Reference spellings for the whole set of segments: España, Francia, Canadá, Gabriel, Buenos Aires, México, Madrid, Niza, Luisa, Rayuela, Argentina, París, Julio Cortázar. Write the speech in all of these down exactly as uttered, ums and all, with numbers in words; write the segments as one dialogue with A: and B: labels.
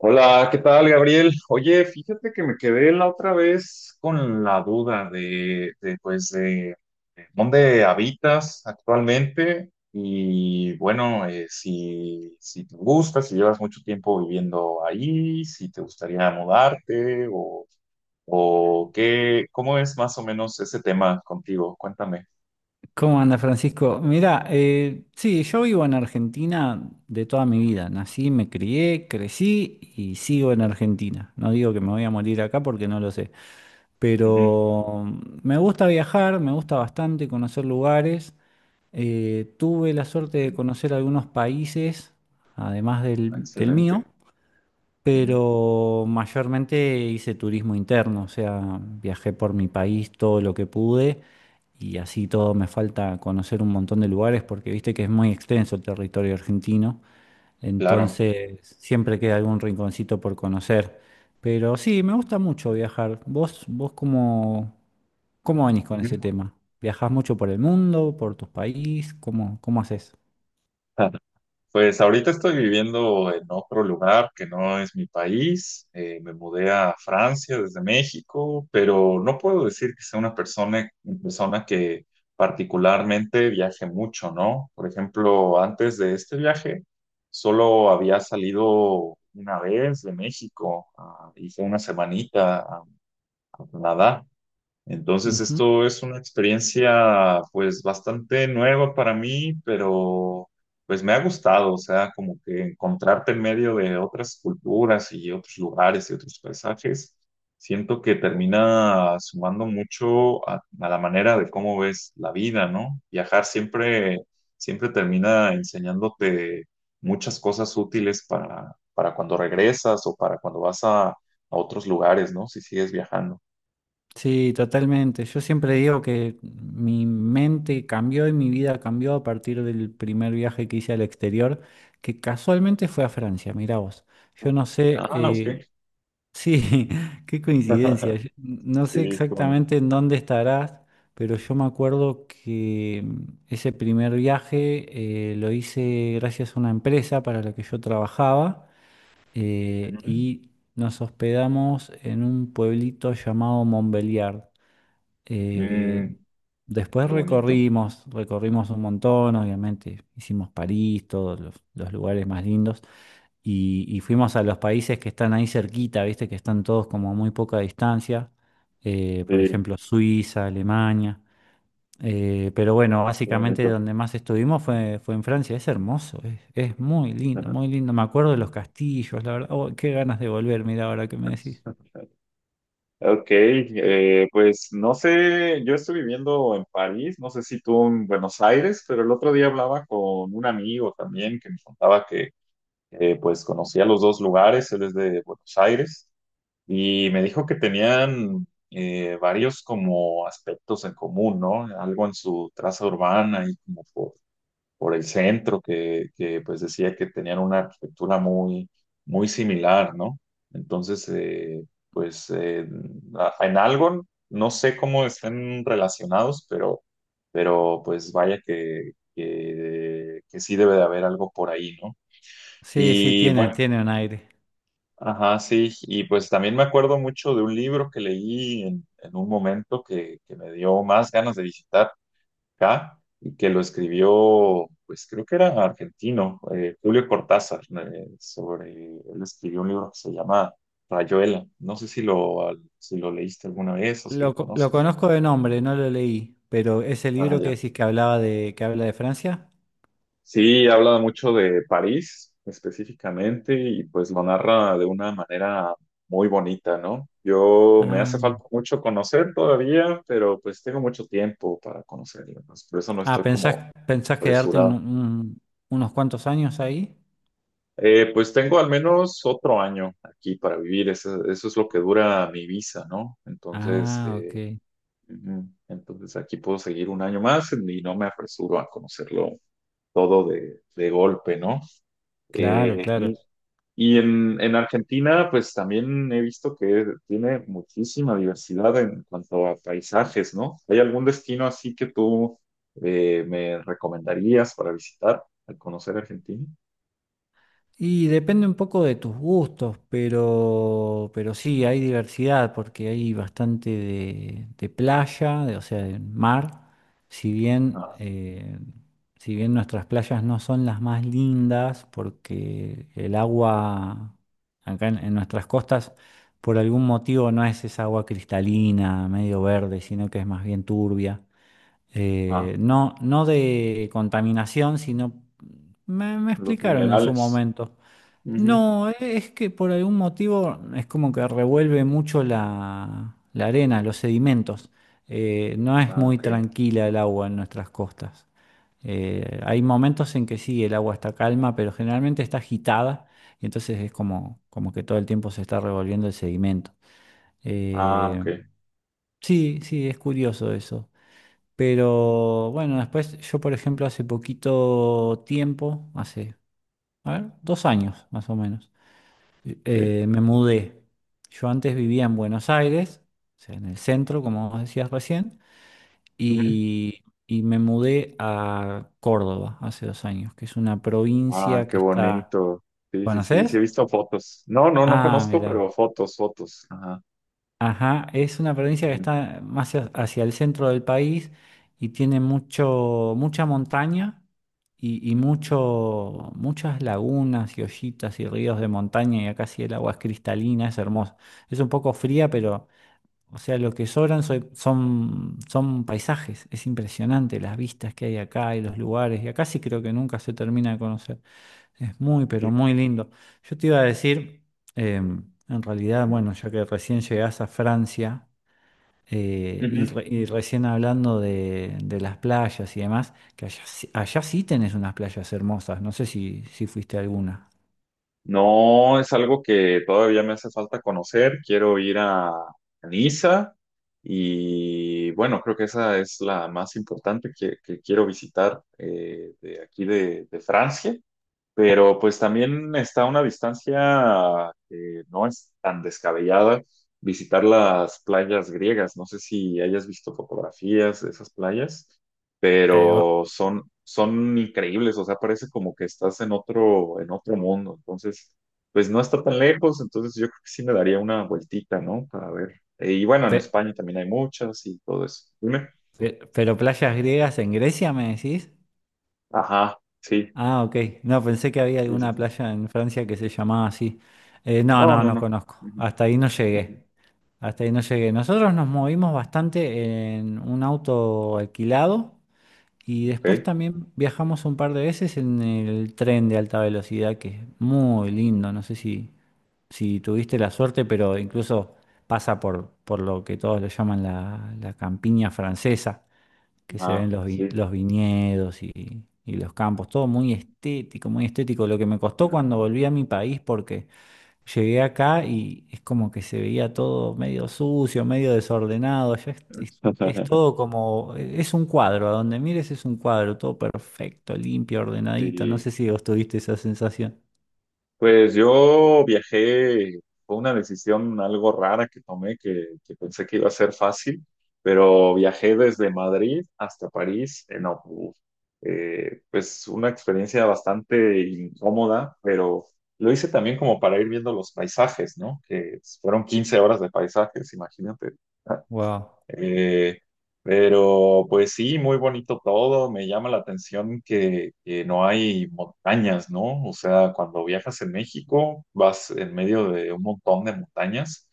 A: Hola, ¿qué tal, Gabriel? Oye, fíjate que me quedé la otra vez con la duda de, de, pues, de, de dónde habitas actualmente y, bueno, eh, si, si te gusta, si llevas mucho tiempo viviendo ahí, si te gustaría mudarte o, o qué, cómo es más o menos ese tema contigo. Cuéntame.
B: ¿Cómo anda Francisco? Mira, eh, sí, yo vivo en Argentina de toda mi
A: Ujú,
B: vida. Nací, me crié, crecí y sigo en Argentina. No digo que me voy a morir acá porque no lo sé.
A: ujú.
B: Pero mm, me gusta viajar, me gusta bastante conocer lugares. Eh, tuve la suerte
A: Ok.
B: de conocer algunos países, además del, del
A: Excelente.
B: mío,
A: Ujú.
B: pero mayormente hice turismo interno, o sea, viajé por mi país todo lo que pude, y así todo me falta conocer un montón de lugares porque viste que es muy extenso el territorio argentino,
A: Claro.
B: entonces siempre queda algún rinconcito por conocer. Pero sí, me gusta mucho viajar. ¿Vos, vos cómo, cómo venís con ese
A: Ujú.
B: tema? ¿Viajás mucho por el mundo, por tu país? ¿Cómo, cómo haces?
A: Pues ahorita estoy viviendo en otro lugar que no es mi país. Eh, me mudé a Francia desde México, pero no puedo decir que sea una persona, una persona que particularmente viaje mucho, ¿no? Por ejemplo, antes de este viaje, solo había salido una vez de México, ah, y fue una semanita a a Canadá. Entonces, esto es una experiencia pues bastante nueva para mí, pero pues me ha gustado, o sea, como que encontrarte en medio de otras culturas y otros lugares y otros paisajes, siento que termina sumando mucho a, a la manera de cómo ves la vida, ¿no? Viajar siempre, siempre termina enseñándote muchas cosas útiles para, para cuando regresas o para cuando vas a, a otros lugares, ¿no? Si sigues viajando.
B: Sí, totalmente. Yo siempre digo que mi mente cambió y mi vida cambió a partir del primer viaje que hice al exterior, que casualmente fue a Francia, mirá vos. Yo no sé,
A: Ah,
B: eh,
A: ok.
B: sí, qué coincidencia. Yo no sé
A: Sí, qué bonito.
B: exactamente en dónde estarás, pero yo me acuerdo que mm, ese primer viaje eh, lo hice gracias a una empresa para la que yo trabajaba, eh,
A: Ujú.
B: y nos hospedamos en un pueblito llamado Montbéliard. Eh,
A: Mm,
B: Después
A: qué bonito.
B: recorrimos, recorrimos un montón, obviamente, hicimos París, todos los, los lugares más lindos, y, y fuimos a los países que están ahí cerquita, viste, que están todos como a muy poca distancia, eh, por
A: Sí,
B: ejemplo, Suiza, Alemania. Eh, pero bueno,
A: qué
B: básicamente
A: bonito.
B: donde más estuvimos fue, fue en Francia, es hermoso, es, es muy lindo,
A: Ajá.
B: muy lindo. Me acuerdo de los castillos, la verdad, oh, qué ganas de volver, mira ahora que me decís.
A: Ok, eh, pues no sé, yo estoy viviendo en París, no sé si tú en Buenos Aires, pero el otro día hablaba con un amigo también que me contaba que eh, pues conocía los dos lugares, él es de Buenos Aires, y me dijo que tenían eh, varios como aspectos en común, ¿no? Algo en su traza urbana y como por por el centro, que, que, pues decía que tenían una arquitectura muy, muy similar, ¿no? Entonces, eh, pues eh, a- en algo, no sé cómo estén relacionados, pero, pero pues vaya que, que, que sí debe de haber algo por ahí, ¿no?
B: Sí, sí,
A: Y
B: tiene,
A: bueno,
B: tiene un aire.
A: ajá, sí, y pues también me acuerdo mucho de un libro que leí en, en un momento que, que me dio más ganas de visitar acá, y que lo escribió, pues creo que era argentino, eh, Julio Cortázar, eh, sobre, él escribió un libro que se llama Rayuela. No sé si lo, al- si lo leíste alguna vez o si lo
B: Lo, co- lo
A: conoces.
B: conozco de nombre, no lo leí, pero es el
A: Ah,
B: libro que
A: ya.
B: decís que hablaba de, que habla de Francia.
A: Sí, habla mucho de París específicamente y pues lo narra de una manera muy bonita, ¿no? Yo me
B: Ah,
A: hace falta mucho conocer todavía, pero pues tengo mucho tiempo para conocerlo, pues, por eso no
B: ah,
A: estoy
B: ¿pensás,
A: como
B: pensás quedarte un-
A: apresurado.
B: un- unos cuantos años ahí?
A: Eh, pues tengo al menos otro año aquí para vivir, eso, eso es lo que dura mi visa, ¿no? Entonces,
B: Ah,
A: eh,
B: ok.
A: ujú, entonces aquí puedo seguir un año más y no me apresuro a conocerlo todo de, de golpe, ¿no?
B: Claro,
A: Eh,
B: claro.
A: y y en, en Argentina, pues también he visto que tiene muchísima diversidad en cuanto a paisajes, ¿no? ¿Hay algún destino así que tú eh, me recomendarías para visitar al conocer Argentina?
B: Y depende un poco de tus gustos, pero, pero sí, hay diversidad porque hay bastante de, de playa, de- o sea, de mar. Si bien,
A: Ah,
B: eh, si bien nuestras playas no son las más lindas porque el agua acá en, en nuestras costas por algún motivo no es esa agua cristalina, medio verde, sino que es más bien turbia. Eh,
A: ajá,
B: no, no de contaminación, sino... Me, me
A: los
B: explicaron en su
A: minerales.
B: momento.
A: Ujú.
B: No, e- es que por algún motivo es como que revuelve mucho la, la arena, los sedimentos. Eh, no es
A: Ah,
B: muy
A: ok.
B: tranquila el agua en nuestras costas. Eh, hay momentos en que sí, el agua está calma, pero generalmente está agitada y entonces es como, como que todo el tiempo se está revolviendo el sedimento.
A: Ah,
B: Eh,
A: ok.
B: sí, sí, es curioso eso. Pero bueno, después yo, por ejemplo, hace poquito tiempo, hace, a ver, dos años más o menos
A: Ok.
B: eh, me mudé. Yo antes vivía en Buenos Aires, o sea, en el centro, como vos decías recién,
A: Ujú.
B: y, y me mudé a Córdoba hace dos años, que es una
A: Ah,
B: provincia
A: qué
B: que está...
A: bonito. Sí, sí, sí, sí, he
B: ¿Conoces?
A: visto fotos. No, no, no
B: Ah,
A: conozco, pero
B: mira.
A: fotos, fotos. Ajá.
B: Ajá, es una provincia que
A: Ujú.
B: está más hacia hacia el centro del país y tiene mucho, mucha montaña y, y mucho, muchas lagunas y ollitas y ríos de montaña y acá sí el agua es cristalina, es hermosa. Es un poco fría. O sea, lo que sobran soy- son, son paisajes. Es impresionante las vistas que hay acá y los lugares. Y acá sí creo que nunca se termina de conocer. Es muy, pero
A: Sí,
B: muy lindo. Yo te iba a decir, em, en realidad,
A: sí.
B: bueno, ya que recién llegás a Francia, eh, y,
A: Ujú.
B: re- y recién hablando de, de las playas y demás, que allá, sí- allá sí tenés unas playas hermosas. No sé si, si fuiste a alguna.
A: No, es algo que todavía me hace falta conocer. Quiero ir a, a Niza y bueno, creo que esa es la más importante que, que quiero visitar eh, de aquí de, de Francia. Pero pues también está a una distancia que no es tan descabellada visitar las playas griegas. No sé si hayas visto fotografías de esas playas,
B: Eh, o-
A: pero son, son increíbles, o sea, parece como que estás en otro, en otro mundo. Entonces, pues no está tan lejos, entonces yo creo que sí me daría una vueltita, ¿no? Para ver. Y bueno, en
B: pe-
A: España también hay muchas y todo eso. Dime.
B: pe- pero ¿playas griegas en Grecia, me decís?
A: Ajá, sí,
B: Ah, ok. No, pensé que había
A: sí, sí,
B: alguna
A: sí.
B: playa en Francia que se llamaba así. Eh, no,
A: No,
B: no,
A: no,
B: no
A: no.
B: conozco.
A: Ujú,
B: Hasta ahí no
A: ujú.
B: llegué. Hasta ahí no llegué. Nosotros nos movimos bastante en un auto alquilado y después
A: Ok.
B: también viajamos un par de veces en el tren de alta velocidad, que es muy lindo. No sé si, si tuviste la suerte, pero incluso pasa por, por lo que todos le llaman la, la campiña francesa, que se ven
A: Ah,
B: los, vi-
A: sí.
B: los viñedos y, y los campos, todo muy estético, muy estético, lo que me costó cuando volví a mi país porque llegué acá y es como que se veía todo medio sucio, medio desordenado. Allá es, es- es todo como, e, es un cuadro, a donde mires es un cuadro, todo perfecto, limpio, ordenadito. No
A: Sí.
B: sé si vos tuviste esa sensación.
A: Pues yo viajé, fue una decisión algo rara que tomé, que, que pensé que iba a ser fácil, pero viajé desde Madrid hasta París en autobús. Eh, pues una experiencia bastante incómoda, pero lo hice también como para ir viendo los paisajes, ¿no? Que fueron quince horas de paisajes, imagínate.
B: Wow,
A: Eh, pero pues sí, muy bonito todo. Me llama la atención que, que no hay montañas, ¿no? O sea, cuando viajas en México, vas en medio de un montón de montañas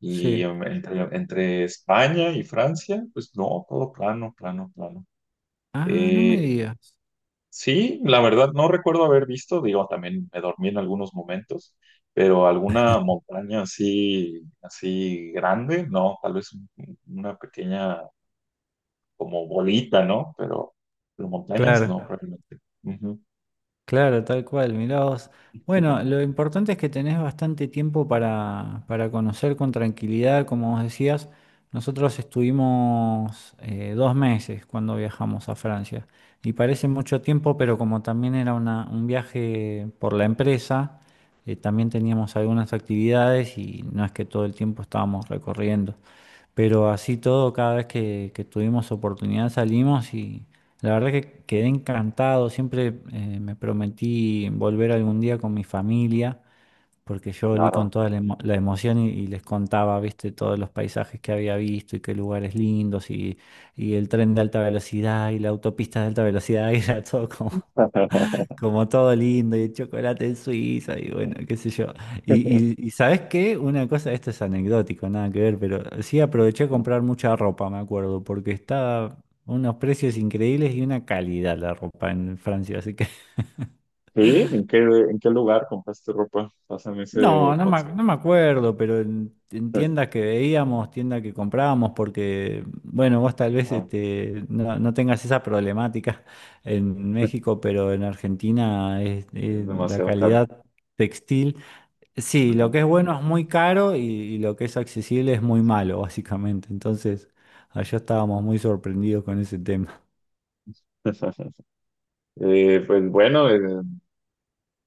A: y
B: sí.
A: em, entre, entre España y Francia, pues no, todo plano, plano, plano.
B: Ah, no me
A: Eh,
B: digas.
A: sí, la verdad no recuerdo haber visto, digo, también me dormí en algunos momentos, pero alguna montaña así, así grande, no, tal vez un- una pequeña como bolita, ¿no? Pero, pero montañas
B: Claro.
A: no, realmente. Ujú.
B: Claro, tal cual, mirá vos. Bueno, lo importante es que tenés bastante tiempo para, para conocer con tranquilidad, como vos decías. Nosotros estuvimos eh, dos meses cuando viajamos a Francia, y parece mucho tiempo, pero como también era una- un viaje por la empresa, eh, también teníamos algunas actividades y no es que todo el tiempo estábamos recorriendo. Pero así todo, cada vez que, que tuvimos oportunidad salimos, y la verdad que quedé encantado. Siempre eh, me prometí volver algún día con mi familia, porque yo volví con
A: Claro.
B: toda la, emo- la emoción, y, y les contaba, viste, todos los paisajes que había visto y qué lugares lindos, y, y el tren de alta velocidad y la autopista de alta velocidad y era todo como como todo lindo, y el chocolate en Suiza, y bueno, qué sé yo. Y, y, y ¿sabes qué? Una cosa, esto es anecdótico, nada que ver, pero sí aproveché a comprar mucha ropa, me acuerdo, porque estaba unos precios increíbles y una calidad la ropa en Francia, así que...
A: Sí, ¿en qué, en qué lugar compraste ropa? Pásame
B: No,
A: ese
B: no me, ac-
A: consejo.
B: no me acuerdo, pero en, en tiendas que veíamos, tiendas que comprábamos, porque, bueno, vos tal vez
A: Ajá.
B: este, no, no tengas esa problemática en
A: Es
B: México, pero en Argentina es, es la
A: demasiado caro.
B: calidad textil. Sí, lo
A: Ajá.
B: que es bueno es muy caro y, y lo que es accesible es muy malo, básicamente. Entonces, allá estábamos muy sorprendidos con ese tema.
A: Eh, pues bueno, eh,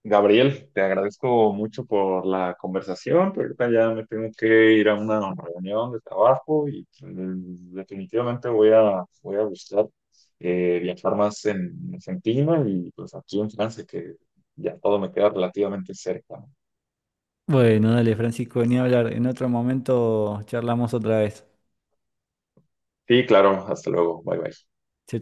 A: Gabriel, te agradezco mucho por la conversación, pero ahorita ya me tengo que ir a una reunión de trabajo y mm, definitivamente voy a, voy a buscar eh, viajar más en Argentina y pues aquí en Francia, que ya todo me queda relativamente cerca.
B: Bueno, dale, Francisco, ni hablar. En otro momento charlamos otra vez.
A: Sí, claro, hasta luego, bye bye.